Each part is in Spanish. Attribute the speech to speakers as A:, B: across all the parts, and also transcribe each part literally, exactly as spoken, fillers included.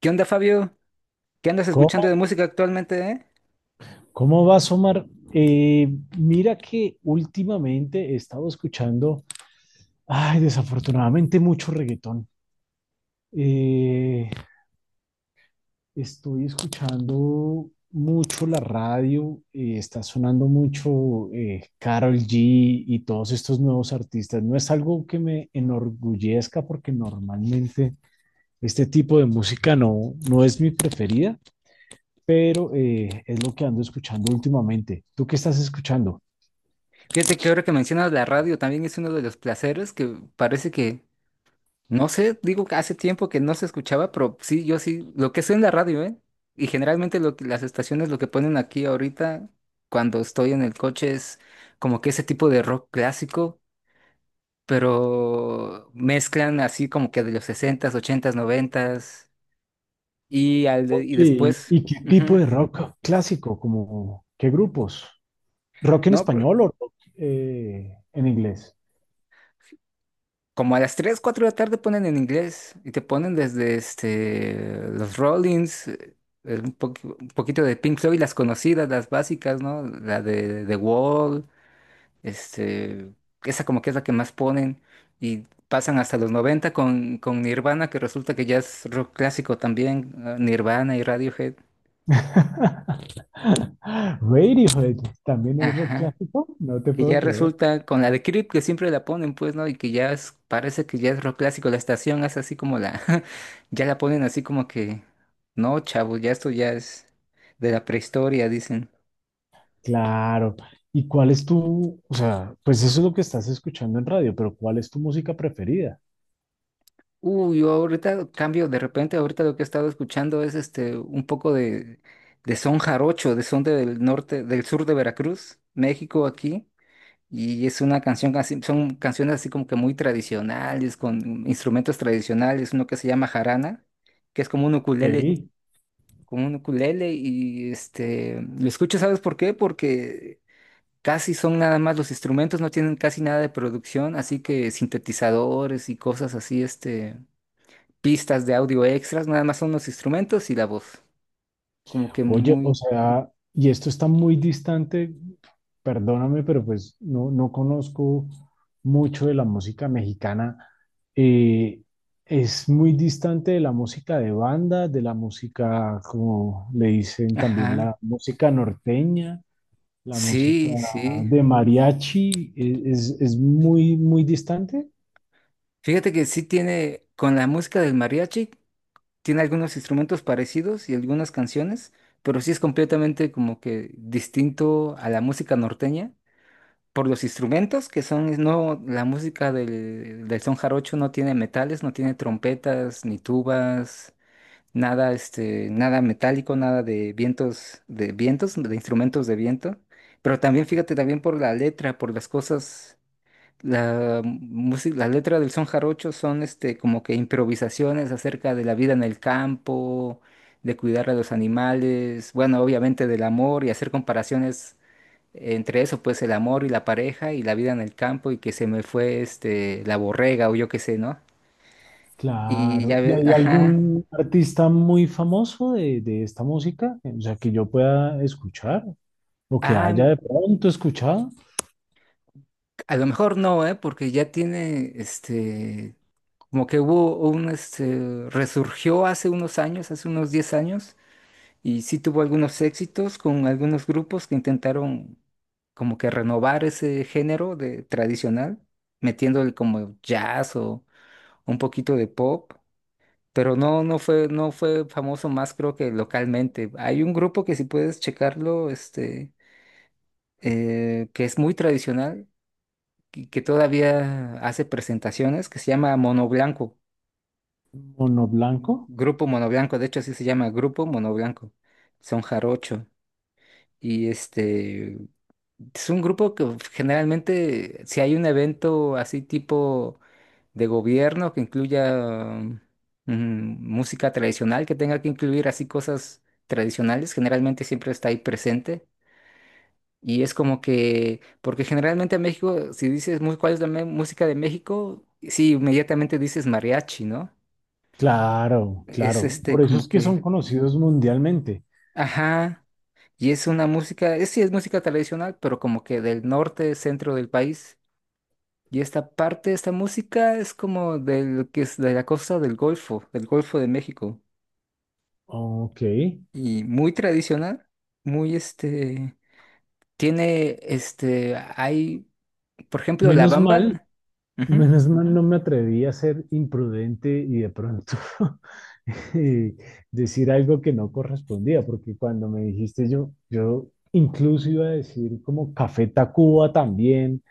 A: ¿Qué onda, Fabio? ¿Qué andas escuchando
B: ¿Cómo?
A: de música actualmente, eh?
B: ¿Cómo vas, Omar? Eh, Mira que últimamente he estado escuchando, ay, desafortunadamente mucho reggaetón. Eh, Estoy escuchando mucho la radio, eh, está sonando mucho eh, Karol G y todos estos nuevos artistas. No es algo que me enorgullezca porque normalmente este tipo de música no, no es mi preferida, pero eh, es lo que ando escuchando últimamente. ¿Tú qué estás escuchando?
A: Fíjate que ahora que mencionas la radio también es uno de los placeres que parece que, no sé, digo que hace tiempo que no se escuchaba, pero sí, yo sí, lo que sé en la radio, ¿eh? Y generalmente lo que- las estaciones lo que ponen aquí ahorita cuando estoy en el coche es como que ese tipo de rock clásico, pero mezclan así como que de los sesentas, ochentas, noventas y, al de-
B: Oye,
A: y
B: ¿y
A: después...
B: y qué tipo
A: Ujú.
B: de rock clásico? Como, ¿qué grupos? ¿Rock en
A: No,
B: español o rock eh, en inglés?
A: como a las tres cuatro de la tarde ponen en inglés y te ponen desde este, los Rollins, eh, eh, un, poqu- un poquito de Pink Floyd, las conocidas, las básicas, ¿no? La de The Wall, este, esa como que es la que más ponen y pasan hasta los noventa con, con Nirvana, que resulta que ya es rock clásico también, eh, Nirvana y Radiohead.
B: Radiohead, ¿también es rock
A: Ajá.
B: clásico? No te
A: Que
B: puedo
A: ya
B: creer.
A: resulta con la de Creep que siempre la ponen, pues, ¿no? Y que ya es- parece que ya es rock clásico. La estación hace así como la. Ya la ponen así como que. No, chavo, ya esto ya es de la prehistoria, dicen.
B: Claro. ¿Y cuál es tu, o sea, pues eso es lo que estás escuchando en radio, pero cuál es tu música preferida?
A: Uy, yo ahorita cambio, de repente, ahorita lo que he estado escuchando es este un poco de, de son jarocho, de son del norte, del sur de Veracruz, México aquí. Y es una canción, casi- son canciones así como que muy tradicionales, con instrumentos tradicionales, uno que se llama jarana, que es como un ukulele,
B: Ey,
A: como un ukulele, y este, lo escucho, ¿sabes por qué? Porque casi son nada más los instrumentos, no tienen casi nada de producción, así que sintetizadores y cosas así, este, pistas de audio extras, nada más son los instrumentos y la voz, como que
B: oye, o
A: muy,
B: sea, y esto está muy distante, perdóname, pero pues no, no conozco mucho de la música mexicana. Eh, es muy distante de la música de banda, de la música, como le dicen también,
A: ajá,
B: la música norteña, la música
A: sí, sí.
B: de mariachi, e- es, es muy, muy distante.
A: Fíjate que sí tiene, con la música del mariachi, tiene algunos instrumentos parecidos y algunas canciones, pero sí es completamente como que distinto a la música norteña por los instrumentos que son, no, la música del, del son jarocho no tiene metales, no tiene trompetas ni tubas, nada, este, nada metálico, nada de vientos, de vientos, de instrumentos de viento. Pero también fíjate también por la letra, por las cosas la música, las letras del son jarocho son este como que improvisaciones acerca de la vida en el campo, de cuidar a los animales, bueno, obviamente del amor y hacer comparaciones entre eso, pues el amor y la pareja y la vida en el campo y que se me fue este la borrega o yo qué sé, ¿no? Y
B: Claro.
A: ya
B: ¿Y
A: ves,
B: hay
A: ajá.
B: algún artista muy famoso de, de esta música? O sea, que yo pueda escuchar o que
A: Ah,
B: haya de pronto escuchado.
A: a lo mejor no, ¿eh? Porque ya tiene este como que hubo un este resurgió hace unos años, hace unos diez años. Y sí tuvo algunos éxitos con algunos grupos que intentaron como que renovar ese género de tradicional, metiéndole como jazz o un poquito de pop, pero no, no fue, no fue famoso más creo que localmente. Hay un grupo que si puedes checarlo, este, eh, que es muy tradicional y que todavía hace presentaciones, que se llama Mono Blanco,
B: Mono Blanco.
A: Grupo Mono Blanco, de hecho así se llama Grupo Mono Blanco, son jarocho. Y este es un grupo que generalmente, si hay un evento así tipo de gobierno que incluya um, mm, música tradicional, que tenga que incluir así cosas tradicionales, generalmente siempre está ahí presente. Y es como que, porque generalmente en México, si dices "Mu- cuál es la me- música de México", sí, inmediatamente dices mariachi, ¿no?
B: Claro,
A: Es
B: claro.
A: este
B: Por eso
A: como
B: es que
A: que,
B: son conocidos mundialmente.
A: ajá, y es una música, es, sí es música tradicional, pero como que del norte, centro del país. Y esta parte, esta música es como de lo que es de la costa del Golfo, del Golfo de México.
B: Ok.
A: Y muy tradicional, muy este, tiene este, hay, por ejemplo, La
B: Menos mal,
A: Bamba. Ujú.
B: menos mal no me atreví a ser imprudente y de pronto eh, decir algo que no correspondía, porque cuando me dijiste yo, yo incluso iba a decir como Café Tacuba también,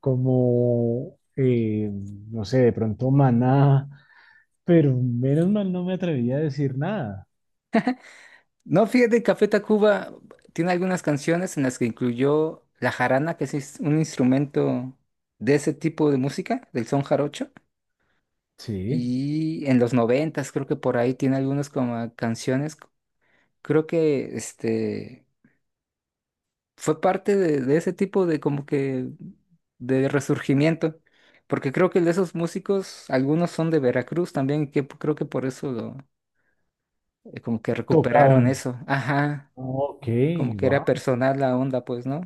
B: como, eh, no sé, de pronto Maná, pero menos mal no me atreví a decir nada.
A: No, fíjate, Café Tacuba tiene algunas canciones en las que incluyó la jarana, que es is- un instrumento de ese tipo de música, del son jarocho.
B: Sí,
A: Y en los noventas creo que por ahí tiene algunas como canciones. Creo que este fue parte de, de ese tipo de como que de resurgimiento, porque creo que de esos músicos, algunos son de Veracruz también, que p- creo que por eso lo, eh, como que recuperaron
B: tocaban.
A: eso, ajá,
B: Ok.
A: como que era personal la onda, pues, ¿no?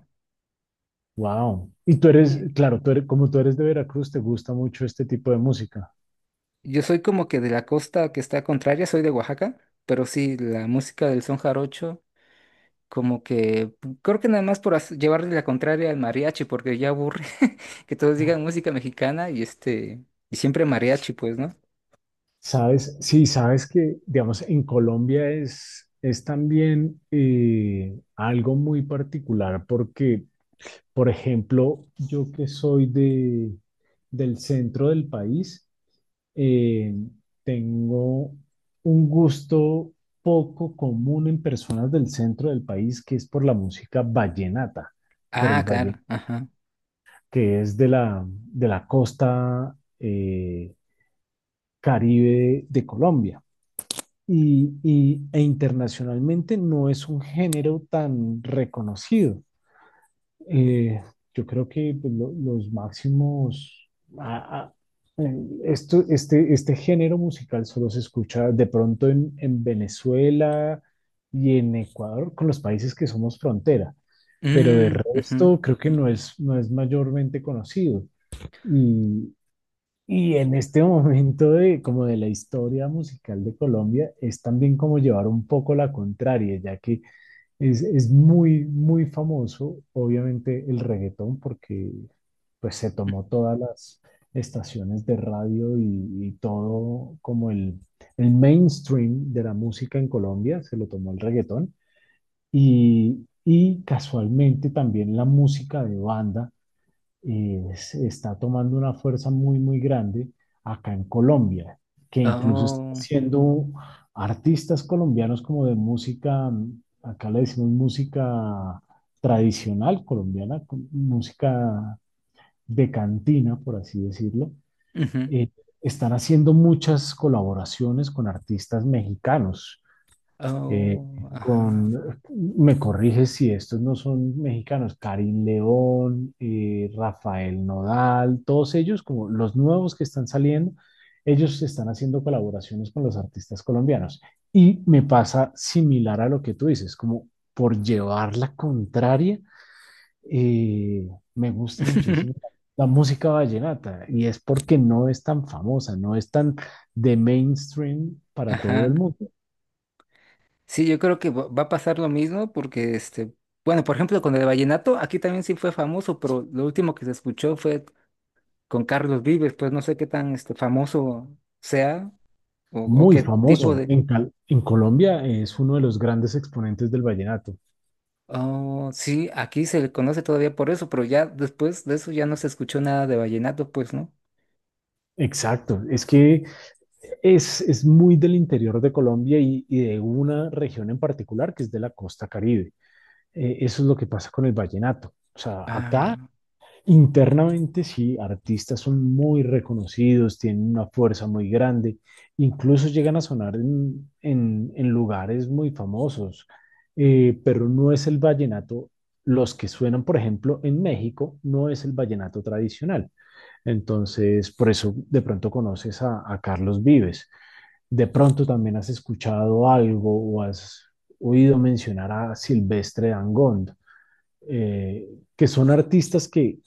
B: Wow. Y tú eres,
A: Y
B: claro, tú eres, como tú eres de Veracruz, te gusta mucho este tipo de música.
A: yo soy como que de la costa que está contraria, soy de Oaxaca, pero sí, la música del son jarocho, como que p- creo que nada más por hac- llevarle la contraria al mariachi, porque ya aburre que todos digan música mexicana y este, y siempre mariachi, pues, ¿no?
B: Sabes, sí, sabes que, digamos, en Colombia es, es también eh, algo muy particular porque, por ejemplo, yo que soy de, del centro del país, eh, tengo un gusto poco común en personas del centro del país que es por la música vallenata, por el
A: Ah, claro,
B: vallenato
A: ajá.
B: que es de la, de la costa eh, caribe de Colombia. Y, y, e internacionalmente no es un género tan reconocido. Eh, yo creo que pues, lo, los máximos, a, a, esto, este, este género musical solo se escucha de pronto en, en Venezuela y en Ecuador, con los países que somos frontera, pero de
A: Mm, ujú,
B: resto creo que no es, no es mayormente conocido. Y, y en este momento de, como de la historia musical de Colombia, es también como llevar un poco la contraria, ya que es, es muy, muy famoso, obviamente, el reggaetón, porque pues se
A: mm.
B: tomó todas las estaciones de radio y, y todo como el, el mainstream de la música en Colombia, se lo tomó el reggaetón. Y, y casualmente también la música de banda eh, se está tomando una fuerza muy, muy grande acá en Colombia, que incluso está
A: Oh,
B: haciendo artistas colombianos como de música, mm, acá le decimos música tradicional colombiana, co- música de cantina, por así decirlo.
A: ujú,
B: eh, están haciendo muchas colaboraciones con artistas mexicanos, eh,
A: oh, ajá.
B: con, me corriges si estos no son mexicanos, Karim León, eh, Rafael Nodal, todos ellos, como los nuevos que están saliendo, ellos están haciendo colaboraciones con los artistas colombianos. Y me pasa similar a lo que tú dices, como por llevar la contraria, eh, me gusta muchísimo la música vallenata y es porque no es tan famosa, no es tan de mainstream para todo el
A: Ajá.
B: mundo.
A: Sí, yo creo que va va a pasar lo mismo porque, este, bueno, por ejemplo, con el vallenato, aquí también sí fue famoso, pero lo último que se escuchó fue con Carlos Vives, pues no sé qué tan, este, famoso sea o, o
B: Muy
A: qué tipo
B: famoso.
A: de.
B: En, Cal- en Colombia es uno de los grandes exponentes del vallenato.
A: Oh, sí, aquí se le conoce todavía por eso, pero ya después de eso ya no se escuchó nada de vallenato, pues, ¿no?
B: Exacto, es que es, es muy del interior de Colombia y, y de una región en particular que es de la costa Caribe. Eh, eso es lo que pasa con el vallenato. O sea, acá
A: Ah,
B: internamente sí, artistas son muy reconocidos, tienen una fuerza muy grande, incluso llegan a sonar en, en- en lugares muy famosos, eh, pero no es el vallenato, los que suenan, por ejemplo, en México, no es el vallenato tradicional. Entonces, por eso de pronto conoces a, a Carlos Vives, de pronto también has escuchado algo o has oído mencionar a Silvestre Dangond, eh, que son artistas que,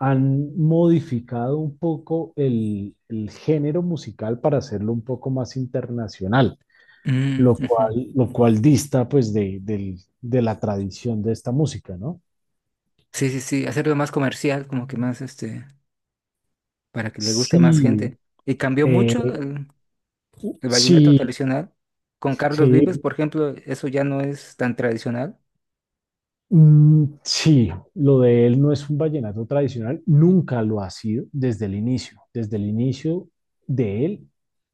B: han modificado un poco el, el género musical para hacerlo un poco más internacional,
A: mm,
B: lo
A: ujú.
B: cual, lo cual dista pues de, del- de la tradición de esta música, ¿no?
A: Sí, sí, sí, hacerlo más comercial, como que más, este, para que le guste a más
B: Sí,
A: gente. Y cambió mucho
B: Eh,
A: el, el vallenato
B: sí,
A: tradicional. Con Carlos Vives,
B: sí,
A: por ejemplo, eso ya no es tan tradicional.
B: mm, sí, lo de él no es un vallenato tradicional, nunca lo ha sido desde el inicio. Desde el inicio de él,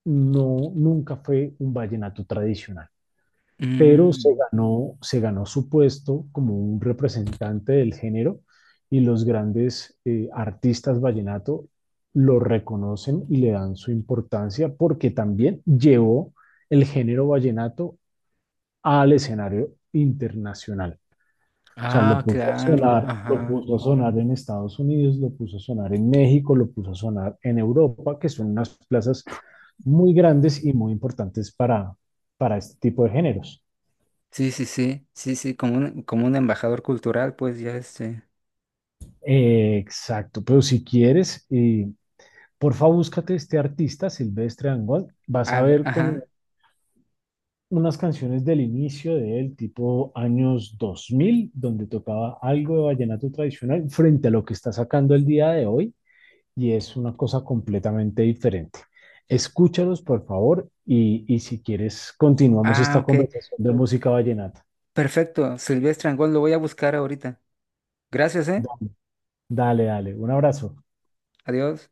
B: no, nunca fue un vallenato tradicional. Pero se
A: Mm,
B: ganó, se ganó su puesto como un representante del género y los grandes eh, artistas vallenato lo reconocen y le dan su importancia porque también llevó el género vallenato al escenario internacional. O sea, lo
A: ah,
B: puso a
A: claro,
B: sonar, lo
A: ajá.
B: puso a sonar en Estados Unidos, lo puso a sonar en México, lo puso a sonar en Europa, que son unas plazas muy grandes y muy importantes para, para este tipo de géneros.
A: Sí, sí, sí, sí, sí, como un, como un embajador cultural, pues ya este.
B: Eh, exacto, pero si quieres, eh, porfa, búscate este artista, Silvestre Dangond. Vas
A: A
B: a
A: ver,
B: ver como
A: ajá.
B: unas canciones del inicio de él, tipo años dos mil, donde tocaba algo de vallenato tradicional frente a lo que está sacando el día de hoy, y es una cosa completamente diferente. Escúchalos, por favor, y, y si quieres, continuamos
A: Ah,
B: esta
A: ok.
B: conversación de música vallenata.
A: Perfecto, Silvestre Angón, lo voy a buscar ahorita. Gracias, ¿eh?
B: Da- Dale, dale, un abrazo.
A: Adiós.